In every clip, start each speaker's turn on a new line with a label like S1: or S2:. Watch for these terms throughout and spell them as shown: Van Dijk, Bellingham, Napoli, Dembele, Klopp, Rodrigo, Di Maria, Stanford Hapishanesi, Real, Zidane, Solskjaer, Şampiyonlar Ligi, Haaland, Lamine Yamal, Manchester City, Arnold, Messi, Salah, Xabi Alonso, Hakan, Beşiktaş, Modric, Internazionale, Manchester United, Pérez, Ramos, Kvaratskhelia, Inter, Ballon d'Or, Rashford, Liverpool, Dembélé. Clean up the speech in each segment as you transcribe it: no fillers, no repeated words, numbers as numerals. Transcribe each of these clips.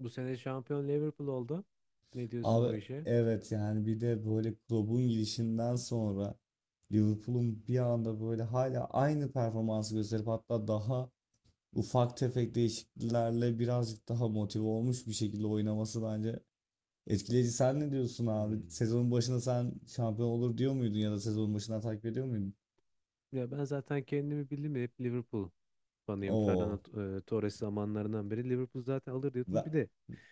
S1: Bu sene şampiyon Liverpool oldu. Ne diyorsun
S2: Abi
S1: bu işe?
S2: evet yani bir de böyle Klopp'un gidişinden sonra Liverpool'un bir anda böyle hala aynı performansı gösterip hatta daha ufak tefek değişikliklerle birazcık daha motive olmuş bir şekilde oynaması bence etkileyici. Sen ne diyorsun abi?
S1: Hmm.
S2: Sezonun başında sen şampiyon olur diyor muydun ya da sezonun başından takip ediyor muydun?
S1: Ya ben zaten kendimi bildim ya hep Liverpool fanıyım.
S2: Oo.
S1: Fernando Torres zamanlarından beri Liverpool zaten alır diyordum.
S2: Ben-
S1: Bir de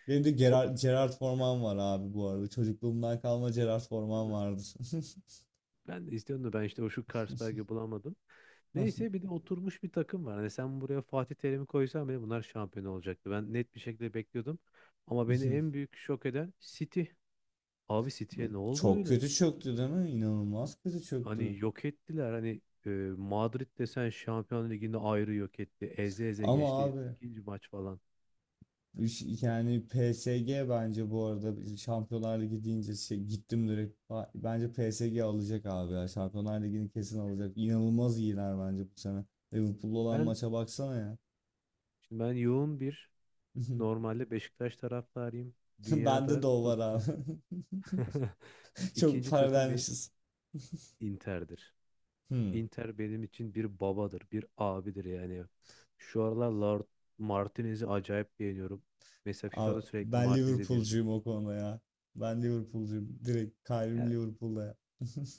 S2: Benim de
S1: o-
S2: Gerard Forman var abi bu arada. Çocukluğumdan kalma Gerard
S1: değil
S2: Forman
S1: mi?
S2: vardır.
S1: Ben de istiyordum da ben işte o şu Carlsberg'i bulamadım. Neyse bir de oturmuş bir takım var. Hani sen buraya Fatih Terim'i koysan bile bunlar şampiyon olacaktı. Ben net bir şekilde bekliyordum. Ama beni en büyük şok eden City. Abi City'ye ne oldu
S2: Çok
S1: öyle?
S2: kötü çöktü değil mi? İnanılmaz kötü
S1: Hani
S2: çöktü.
S1: yok ettiler. Hani Madrid desen Şampiyon Ligi'ni ayrı yok etti. Eze eze
S2: Ama
S1: geçti
S2: abi
S1: ikinci maç falan.
S2: yani PSG bence bu arada biz Şampiyonlar Ligi deyince gittim direkt. Bence PSG alacak abi ya. Şampiyonlar Ligi'ni kesin alacak. İnanılmaz iyiler bence bu sene. Liverpool'la olan
S1: Ben
S2: maça baksana ya.
S1: ben yoğun bir normalde Beşiktaş taraftarıyım.
S2: Bende
S1: Dünyada
S2: de o var abi.
S1: tuttum.
S2: Çok
S1: İkinci
S2: para
S1: takım bir
S2: vermişiz.
S1: Inter'dir.
S2: Hmm.
S1: Inter benim için bir babadır, bir abidir yani. Şu aralar Lord Martinez'i acayip beğeniyorum. Mesela
S2: Abi,
S1: FIFA'da sürekli
S2: ben
S1: Martinez'i veririm.
S2: Liverpool'cuyum o konuda ya. Ben Liverpool'cuyum. Direkt kalbim Liverpool'da ya.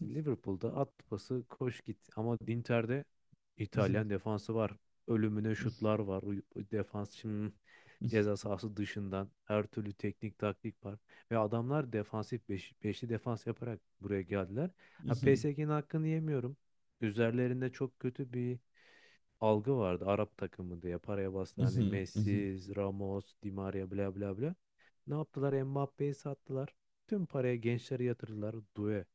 S1: Liverpool'da at pası koş git ama Inter'de İtalyan defansı var. Ölümüne şutlar var. Defans şimdi ceza sahası dışından her türlü teknik taktik var. Ve adamlar defansif beş, beşli defans yaparak buraya geldiler. Ha PSG'nin hakkını yemiyorum. Üzerlerinde çok kötü bir algı vardı. Arap takımı diye paraya bastı.
S2: Hı
S1: Hani
S2: hı, hı hı.
S1: Messi, Ramos, Di Maria bla bla bla. Ne yaptılar? Mbappe'yi sattılar. Tüm paraya gençleri yatırdılar. Due.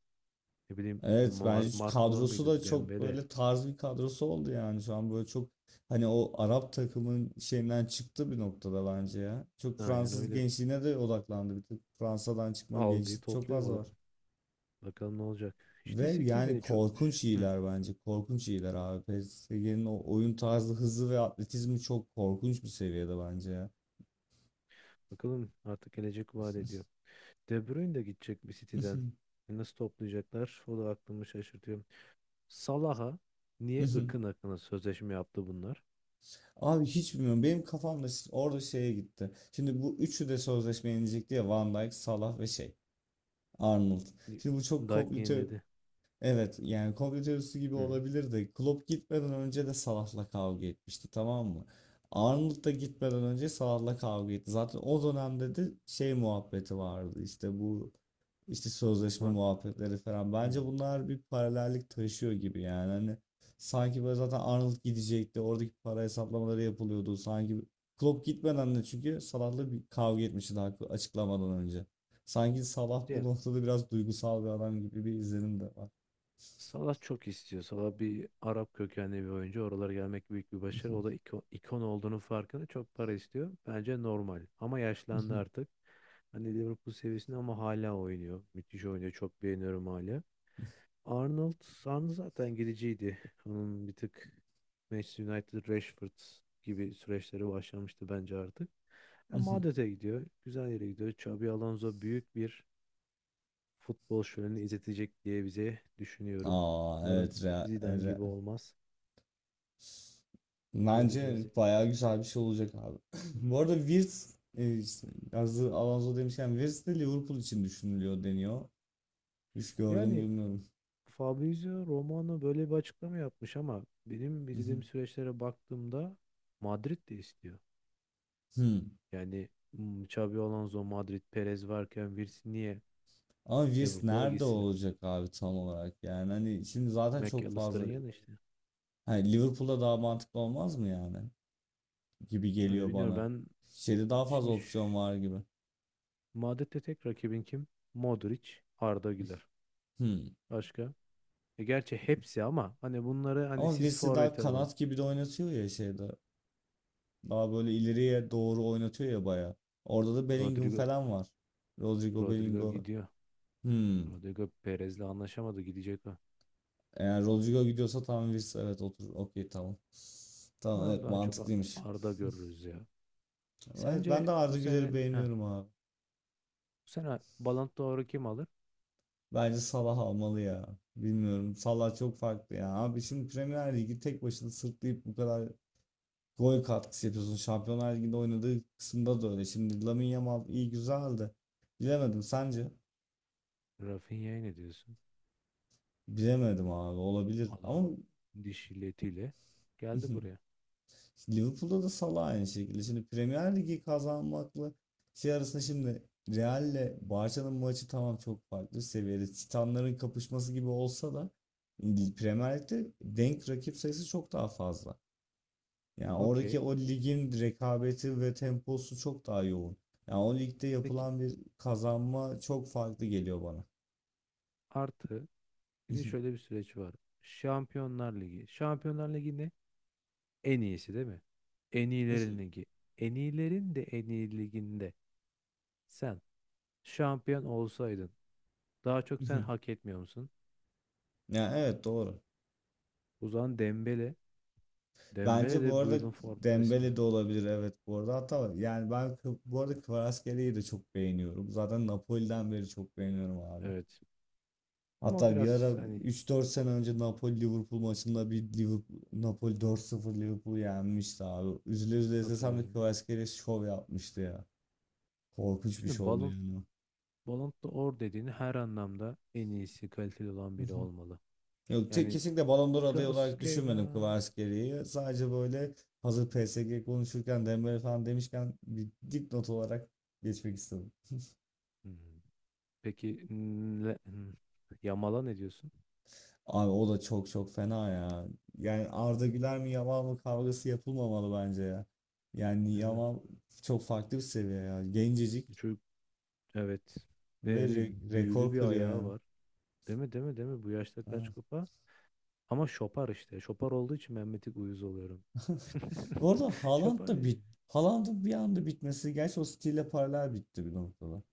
S1: Ne bileyim
S2: Evet, bence
S1: Markola
S2: kadrosu
S1: mıydı?
S2: da çok
S1: Dembele.
S2: böyle tarz bir kadrosu oldu yani şu an böyle çok hani o Arap takımın şeyinden çıktı bir noktada bence ya. Çok
S1: Aynen
S2: Fransız
S1: öyle
S2: gençliğine de odaklandı bir tık. Fransa'dan çıkma
S1: algıyı
S2: gençlik çok
S1: topluyor
S2: fazla var.
S1: falan. Bakalım ne olacak.
S2: Ve
S1: İşte City
S2: yani
S1: beni çok...
S2: korkunç
S1: Hı,
S2: iyiler bence. Korkunç iyiler abi. PSG'nin o oyun tarzı, hızı ve atletizmi çok korkunç bir seviyede bence ya.
S1: bakalım artık gelecek vaat ediyor. De Bruyne de gidecek bir City'den. E nasıl toplayacaklar? O da aklımı şaşırtıyor. Salah'a niye ıkın akına sözleşme yaptı bunlar?
S2: Abi hiç bilmiyorum. Benim kafamda orada şeye gitti. Şimdi bu üçü de sözleşme yenecek diye Van Dijk, Salah ve şey. Arnold. Şimdi bu çok
S1: Dijk
S2: komplike.
S1: yeniledi.
S2: Evet yani komplo teorisi gibi
S1: Hı hı.
S2: olabilir de Klopp gitmeden önce de Salah'la kavga etmişti, tamam mı? Arnold da gitmeden önce Salah'la kavga etti. Zaten o dönemde de şey muhabbeti vardı, işte bu işte sözleşme
S1: Ma-
S2: muhabbetleri falan.
S1: hı.
S2: Bence bunlar bir paralellik taşıyor gibi yani hani sanki böyle zaten Arnold gidecekti, oradaki para hesaplamaları yapılıyordu sanki Klopp gitmeden de, çünkü Salah'la bir kavga etmişti daha açıklamadan önce. Sanki Salah
S1: Ya
S2: bu noktada biraz duygusal bir adam gibi bir izlenim de var.
S1: Salah çok istiyor. Salah bir Arap kökenli bir oyuncu. Oralara gelmek büyük bir başarı. O da ikon olduğunu farkında, çok para istiyor. Bence normal. Ama yaşlandı artık. Hani Liverpool seviyesinde ama hala oynuyor. Müthiş oynuyor. Çok beğeniyorum hala. Arnold zaten gidiciydi. Onun bir tık Manchester United, Rashford gibi süreçleri başlamıştı bence artık. Ya Madrid'e gidiyor. Güzel yere gidiyor. Xabi Alonso büyük bir futbol şöleni izletecek diye bize düşünüyorum.
S2: Aa evet,
S1: Umarım Zidane gibi olmaz. Göreceğiz.
S2: Bence
S1: Yani
S2: bayağı güzel bir şey olacak abi. Bu arada Wirtz işte yazdığı Alonso demişken Wirtz de Liverpool için düşünülüyor deniyor. Hiç gördüm
S1: Yani
S2: bilmiyorum.
S1: Fabrizio Romano böyle bir açıklama yapmış ama benim izlediğim süreçlere baktığımda Madrid de istiyor.
S2: Hmm.
S1: Yani hmm, Xabi Alonso, Madrid, Perez varken Virsi niye
S2: Ama Wirtz
S1: Liverpool'a
S2: nerede
S1: gitsin?
S2: olacak abi tam olarak yani hani şimdi zaten çok
S1: McAllister'ın
S2: fazla
S1: yanı işte.
S2: hani Liverpool'da daha mantıklı olmaz mı yani gibi
S1: Yani
S2: geliyor
S1: bilmiyorum
S2: bana.
S1: ben
S2: Şeyde daha fazla
S1: şimdi
S2: opsiyon var gibi.
S1: Madrid'de tek rakibin kim? Modric, Arda Güler.
S2: Hmm.
S1: Başka? E gerçi hepsi ama hani bunları hani
S2: Ama
S1: siz
S2: Wirtz daha
S1: forvete olun.
S2: kanat gibi de oynatıyor ya şeyde. Daha böyle ileriye doğru oynatıyor ya baya. Orada da Bellingham
S1: Rodrigo
S2: falan var. Rodrigo
S1: Rodrigo
S2: Bellingham.
S1: gidiyor.
S2: Hmm.
S1: Rodrigo Perez'le anlaşamadı, gidecek o.
S2: Eğer Rodrigo gidiyorsa tamam, Wirtz evet otur. Okey tamam. Tamam
S1: Umarım
S2: evet,
S1: daha çok
S2: mantıklıymış.
S1: Arda görürüz ya.
S2: Evet, ben
S1: Sence
S2: de
S1: bu
S2: Arda
S1: sene
S2: Güler'i
S1: ha,
S2: beğeniyorum abi.
S1: bu sene Ballon d'Or'u kim alır?
S2: Bence Salah almalı ya. Bilmiyorum. Salah çok farklı ya. Abi şimdi Premier Ligi tek başına sırtlayıp bu kadar gol katkısı yapıyorsun. Şampiyonlar Ligi'nde oynadığı kısımda da öyle. Şimdi Lamine Yamal iyi güzeldi. Bilemedim, sence?
S1: Rafinha'ya ne diyorsun?
S2: Bilemedim abi, olabilir
S1: Adam
S2: ama.
S1: diş illetiyle geldi buraya.
S2: Liverpool'da da Salah aynı şekilde. Şimdi Premier Ligi kazanmakla şey arasında şimdi Real'le Barça'nın maçı tamam çok farklı seviyede. Titanların kapışması gibi olsa da Premier Lig'de denk rakip sayısı çok daha fazla. Yani oradaki
S1: Okey.
S2: o ligin rekabeti ve temposu çok daha yoğun. Yani o ligde
S1: Peki,
S2: yapılan bir kazanma çok farklı geliyor bana.
S1: artı bir de şöyle bir süreç var. Şampiyonlar Ligi. Şampiyonlar Ligi'nin en iyisi değil mi? En iyilerin ligi. En iyilerin de en iyi liginde sen şampiyon olsaydın daha çok sen hak etmiyor musun?
S2: Yani evet doğru.
S1: O zaman Dembele. Dembele
S2: Bence bu
S1: de bu
S2: arada
S1: yılın formda ismi.
S2: Dembele de olabilir evet bu arada, hatta yani ben bu arada Kvaratskhelia'yı da çok beğeniyorum. Zaten Napoli'den beri çok beğeniyorum abi.
S1: Evet. Ama
S2: Hatta bir ara
S1: biraz hani
S2: üç dört sene önce Napoli Liverpool maçında bir Liverpool Napoli dört sıfır Liverpool'u yenmişti abi. Üzüle üzüle izlesem de
S1: hatırlıyorum.
S2: Kvaratskhelia şov yapmıştı ya. Korkunç bir
S1: Şimdi
S2: şovdu yani.
S1: Ballon d'Or dediğin her anlamda en iyisi, kaliteli olan biri olmalı.
S2: Yok
S1: Yani
S2: kesinlikle Ballon d'Or adayı olarak düşünmedim
S1: Krasskheila.
S2: Kvaratskhelia'yı. Sadece böyle hazır PSG konuşurken Dembele falan demişken bir dipnot olarak geçmek istedim.
S1: Hmm. Peki Yamal'a ne diyorsun?
S2: Abi o da çok çok fena ya. Yani Arda Güler mi Yamal mı kavgası yapılmamalı bence ya. Yani
S1: Değil mi?
S2: Yamal çok farklı bir seviye ya. Gencecik
S1: Çocuk, evet. Ve
S2: ve
S1: hani büyülü
S2: rekor
S1: bir
S2: kırıyor
S1: ayağı
S2: yani.
S1: var. Değil mi? Değil mi? Değil mi? Bu yaşta
S2: Ha.
S1: kaç kupa? Ama şopar işte. Şopar olduğu için ben bir tık uyuz oluyorum.
S2: Bu arada Haaland
S1: Şopar
S2: da
S1: değil.
S2: bit. Haaland'ın bir anda bitmesi. Gerçi o stille paralel bitti bir noktada.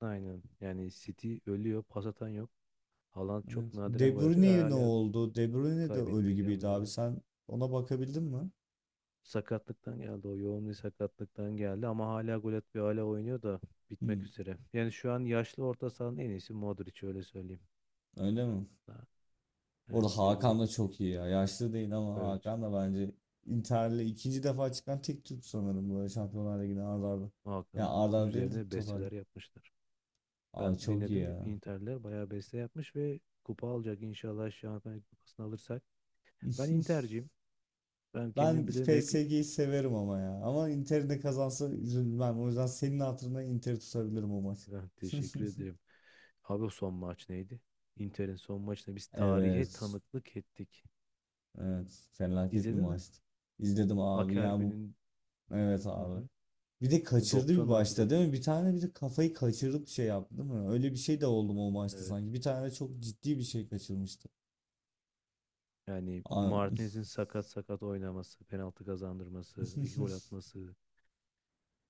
S1: Aynen. Yani City ölüyor. Pas atan yok. Haaland
S2: Evet.
S1: çok nadiren
S2: De
S1: gol atıyor ve
S2: Bruyne ne
S1: hala
S2: oldu? De Bruyne de ölü
S1: kaybetmeye devam
S2: gibiydi abi.
S1: ediyorlar.
S2: Sen ona bakabildin mi?
S1: Sakatlıktan geldi. O yoğun bir sakatlıktan geldi ama hala gol atıyor. Hala oynuyor da bitmek
S2: Hmm,
S1: üzere. Yani şu an yaşlı orta sahanın en iyisi Modric, öyle söyleyeyim.
S2: öyle mi?
S1: Ha,
S2: Bu arada
S1: yani De
S2: Hakan
S1: Bruyne
S2: da çok
S1: bitti.
S2: iyi ya. Yaşlı değil ama
S1: Evet.
S2: Hakan da bence Inter'le ikinci defa çıkan tek Türk sanırım böyle Şampiyonlar Ligi'ne ard arda. Ya
S1: Hakan
S2: ard arda değil de
S1: üzerine
S2: totalde.
S1: besteler yapmışlar.
S2: Abi
S1: Ben
S2: çok iyi
S1: dinledim ki
S2: ya.
S1: Inter'ler bayağı beste yapmış ve kupa alacak inşallah Şampiyonlar Kupası'nı alırsak. Ben Inter'ciyim. Ben
S2: Ben
S1: kendim bilirim hep,
S2: PSG'yi severim ama ya. Ama Inter'in de kazansa üzülmem. O yüzden senin hatırına Inter'i tutabilirim o maç.
S1: ben teşekkür ederim. Abi o son maç neydi? Inter'in son maçında biz tarihe
S2: Evet.
S1: tanıklık ettik.
S2: Evet. Felaket bir
S1: İzledin mi?
S2: maçtı. İzledim abi. Ya bu
S1: Akerbi'nin
S2: evet
S1: hı
S2: abi.
S1: hı.
S2: Bir de
S1: O
S2: kaçırdı bir
S1: 90 artı
S2: başta
S1: 4.
S2: değil mi? Bir tane, bir de kafayı kaçırıp şey yaptı değil mi? Öyle bir şey de oldu mu o maçta
S1: Evet.
S2: sanki. Bir tane çok ciddi bir şey kaçırmıştı.
S1: Yani
S2: A-
S1: Martinez'in sakat sakat oynaması, penaltı kazandırması, iki gol atması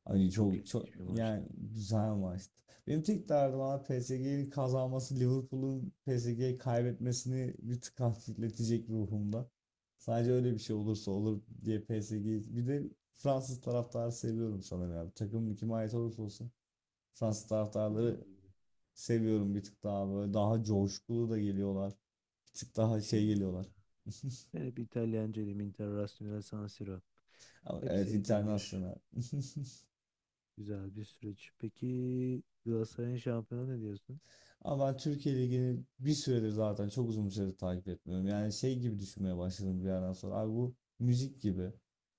S2: Hani
S1: çok
S2: çok çok
S1: ilginç bir maçtı.
S2: yani güzel maçtı. Benim tek derdim abi PSG'nin kazanması Liverpool'un PSG'yi kaybetmesini bir tık hafifletecek ruhumda. Sadece öyle bir şey olursa olur diye PSG'yi. Bir de Fransız taraftarı seviyorum sanırım abi. Takımın kime ait olursa olsun Fransız
S1: O da
S2: taraftarları
S1: olabilir.
S2: seviyorum bir tık daha böyle, daha coşkulu da geliyorlar. Bir tık daha şey
S1: Bilmiyorum.
S2: geliyorlar.
S1: Ben hep İtalyancıyım. Internazionale San Siro.
S2: Ama
S1: Hep
S2: evet,
S1: sevdiğim bir
S2: internasyonel.
S1: güzel bir süreç. Peki Galatasaray'ın şampiyonu ne diyorsun?
S2: Ama ben Türkiye Ligi'ni bir süredir, zaten çok uzun bir süredir takip etmiyorum. Yani şey gibi düşünmeye başladım bir yerden sonra. Abi bu müzik gibi.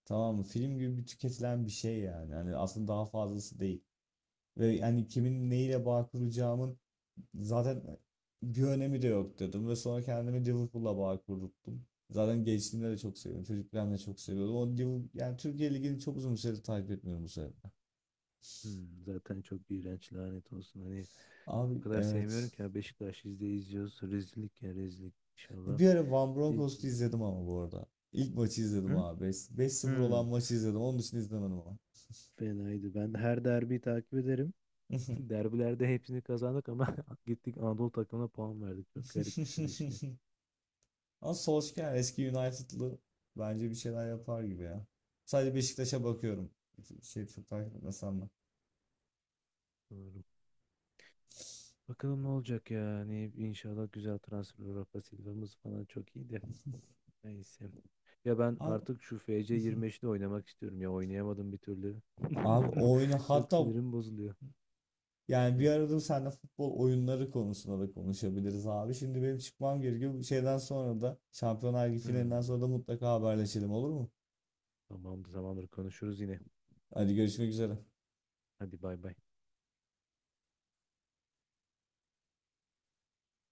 S2: Tamam mı? Film gibi bir tüketilen bir şey yani. Yani aslında daha fazlası değil. Ve yani kimin neyle bağ kuracağımın zaten bir önemi de yok dedim ve sonra kendimi Liverpool'la bağ kurdum. Zaten gençliğimde de çok seviyorum, çocukken de çok seviyordum. O Liverpool, yani Türkiye Ligi'ni çok uzun bir süredir takip etmiyorum bu sebeple.
S1: Hmm, zaten çok iğrenç, lanet olsun. Hani
S2: Abi
S1: o kadar sevmiyorum
S2: evet.
S1: ki ya. Beşiktaş izliyoruz. Rezillik ya, rezillik inşallah.
S2: Bir ara Van
S1: Değil ki.
S2: Bronckhorst'u izledim ama bu arada. İlk maçı izledim
S1: Hı?
S2: abi. 5-0 olan
S1: Hı.
S2: maçı izledim. Onun dışında izlemedim ama.
S1: Fenaydı. Ben her derbiyi takip ederim. Derbilerde hepsini kazandık ama gittik Anadolu takımına puan verdik. Çok garip bir süreçti.
S2: Ama Solskjaer eski United'lı bence bir şeyler yapar gibi ya. Sadece Beşiktaş'a bakıyorum. Şey çok takip etmesem de.
S1: Doğru. Bakalım ne olacak ya. Hani inşallah güzel transfer, Rafa Silva'mız falan çok iyiydi. Neyse. Ya ben
S2: Abi
S1: artık şu FC25'te oynamak istiyorum ya. Oynayamadım bir türlü.
S2: abi o oyunu
S1: Çok
S2: hatta
S1: sinirim bozuluyor.
S2: yani
S1: Hı.
S2: bir arada seninle futbol oyunları konusunda da konuşabiliriz abi. Şimdi benim çıkmam gerekiyor. Bu şeyden sonra da Şampiyonlar Ligi finalinden
S1: Hmm.
S2: sonra da mutlaka haberleşelim, olur mu?
S1: Tamamdır, tamamdır, konuşuruz yine.
S2: Hadi görüşmek üzere.
S1: Hadi bay bay.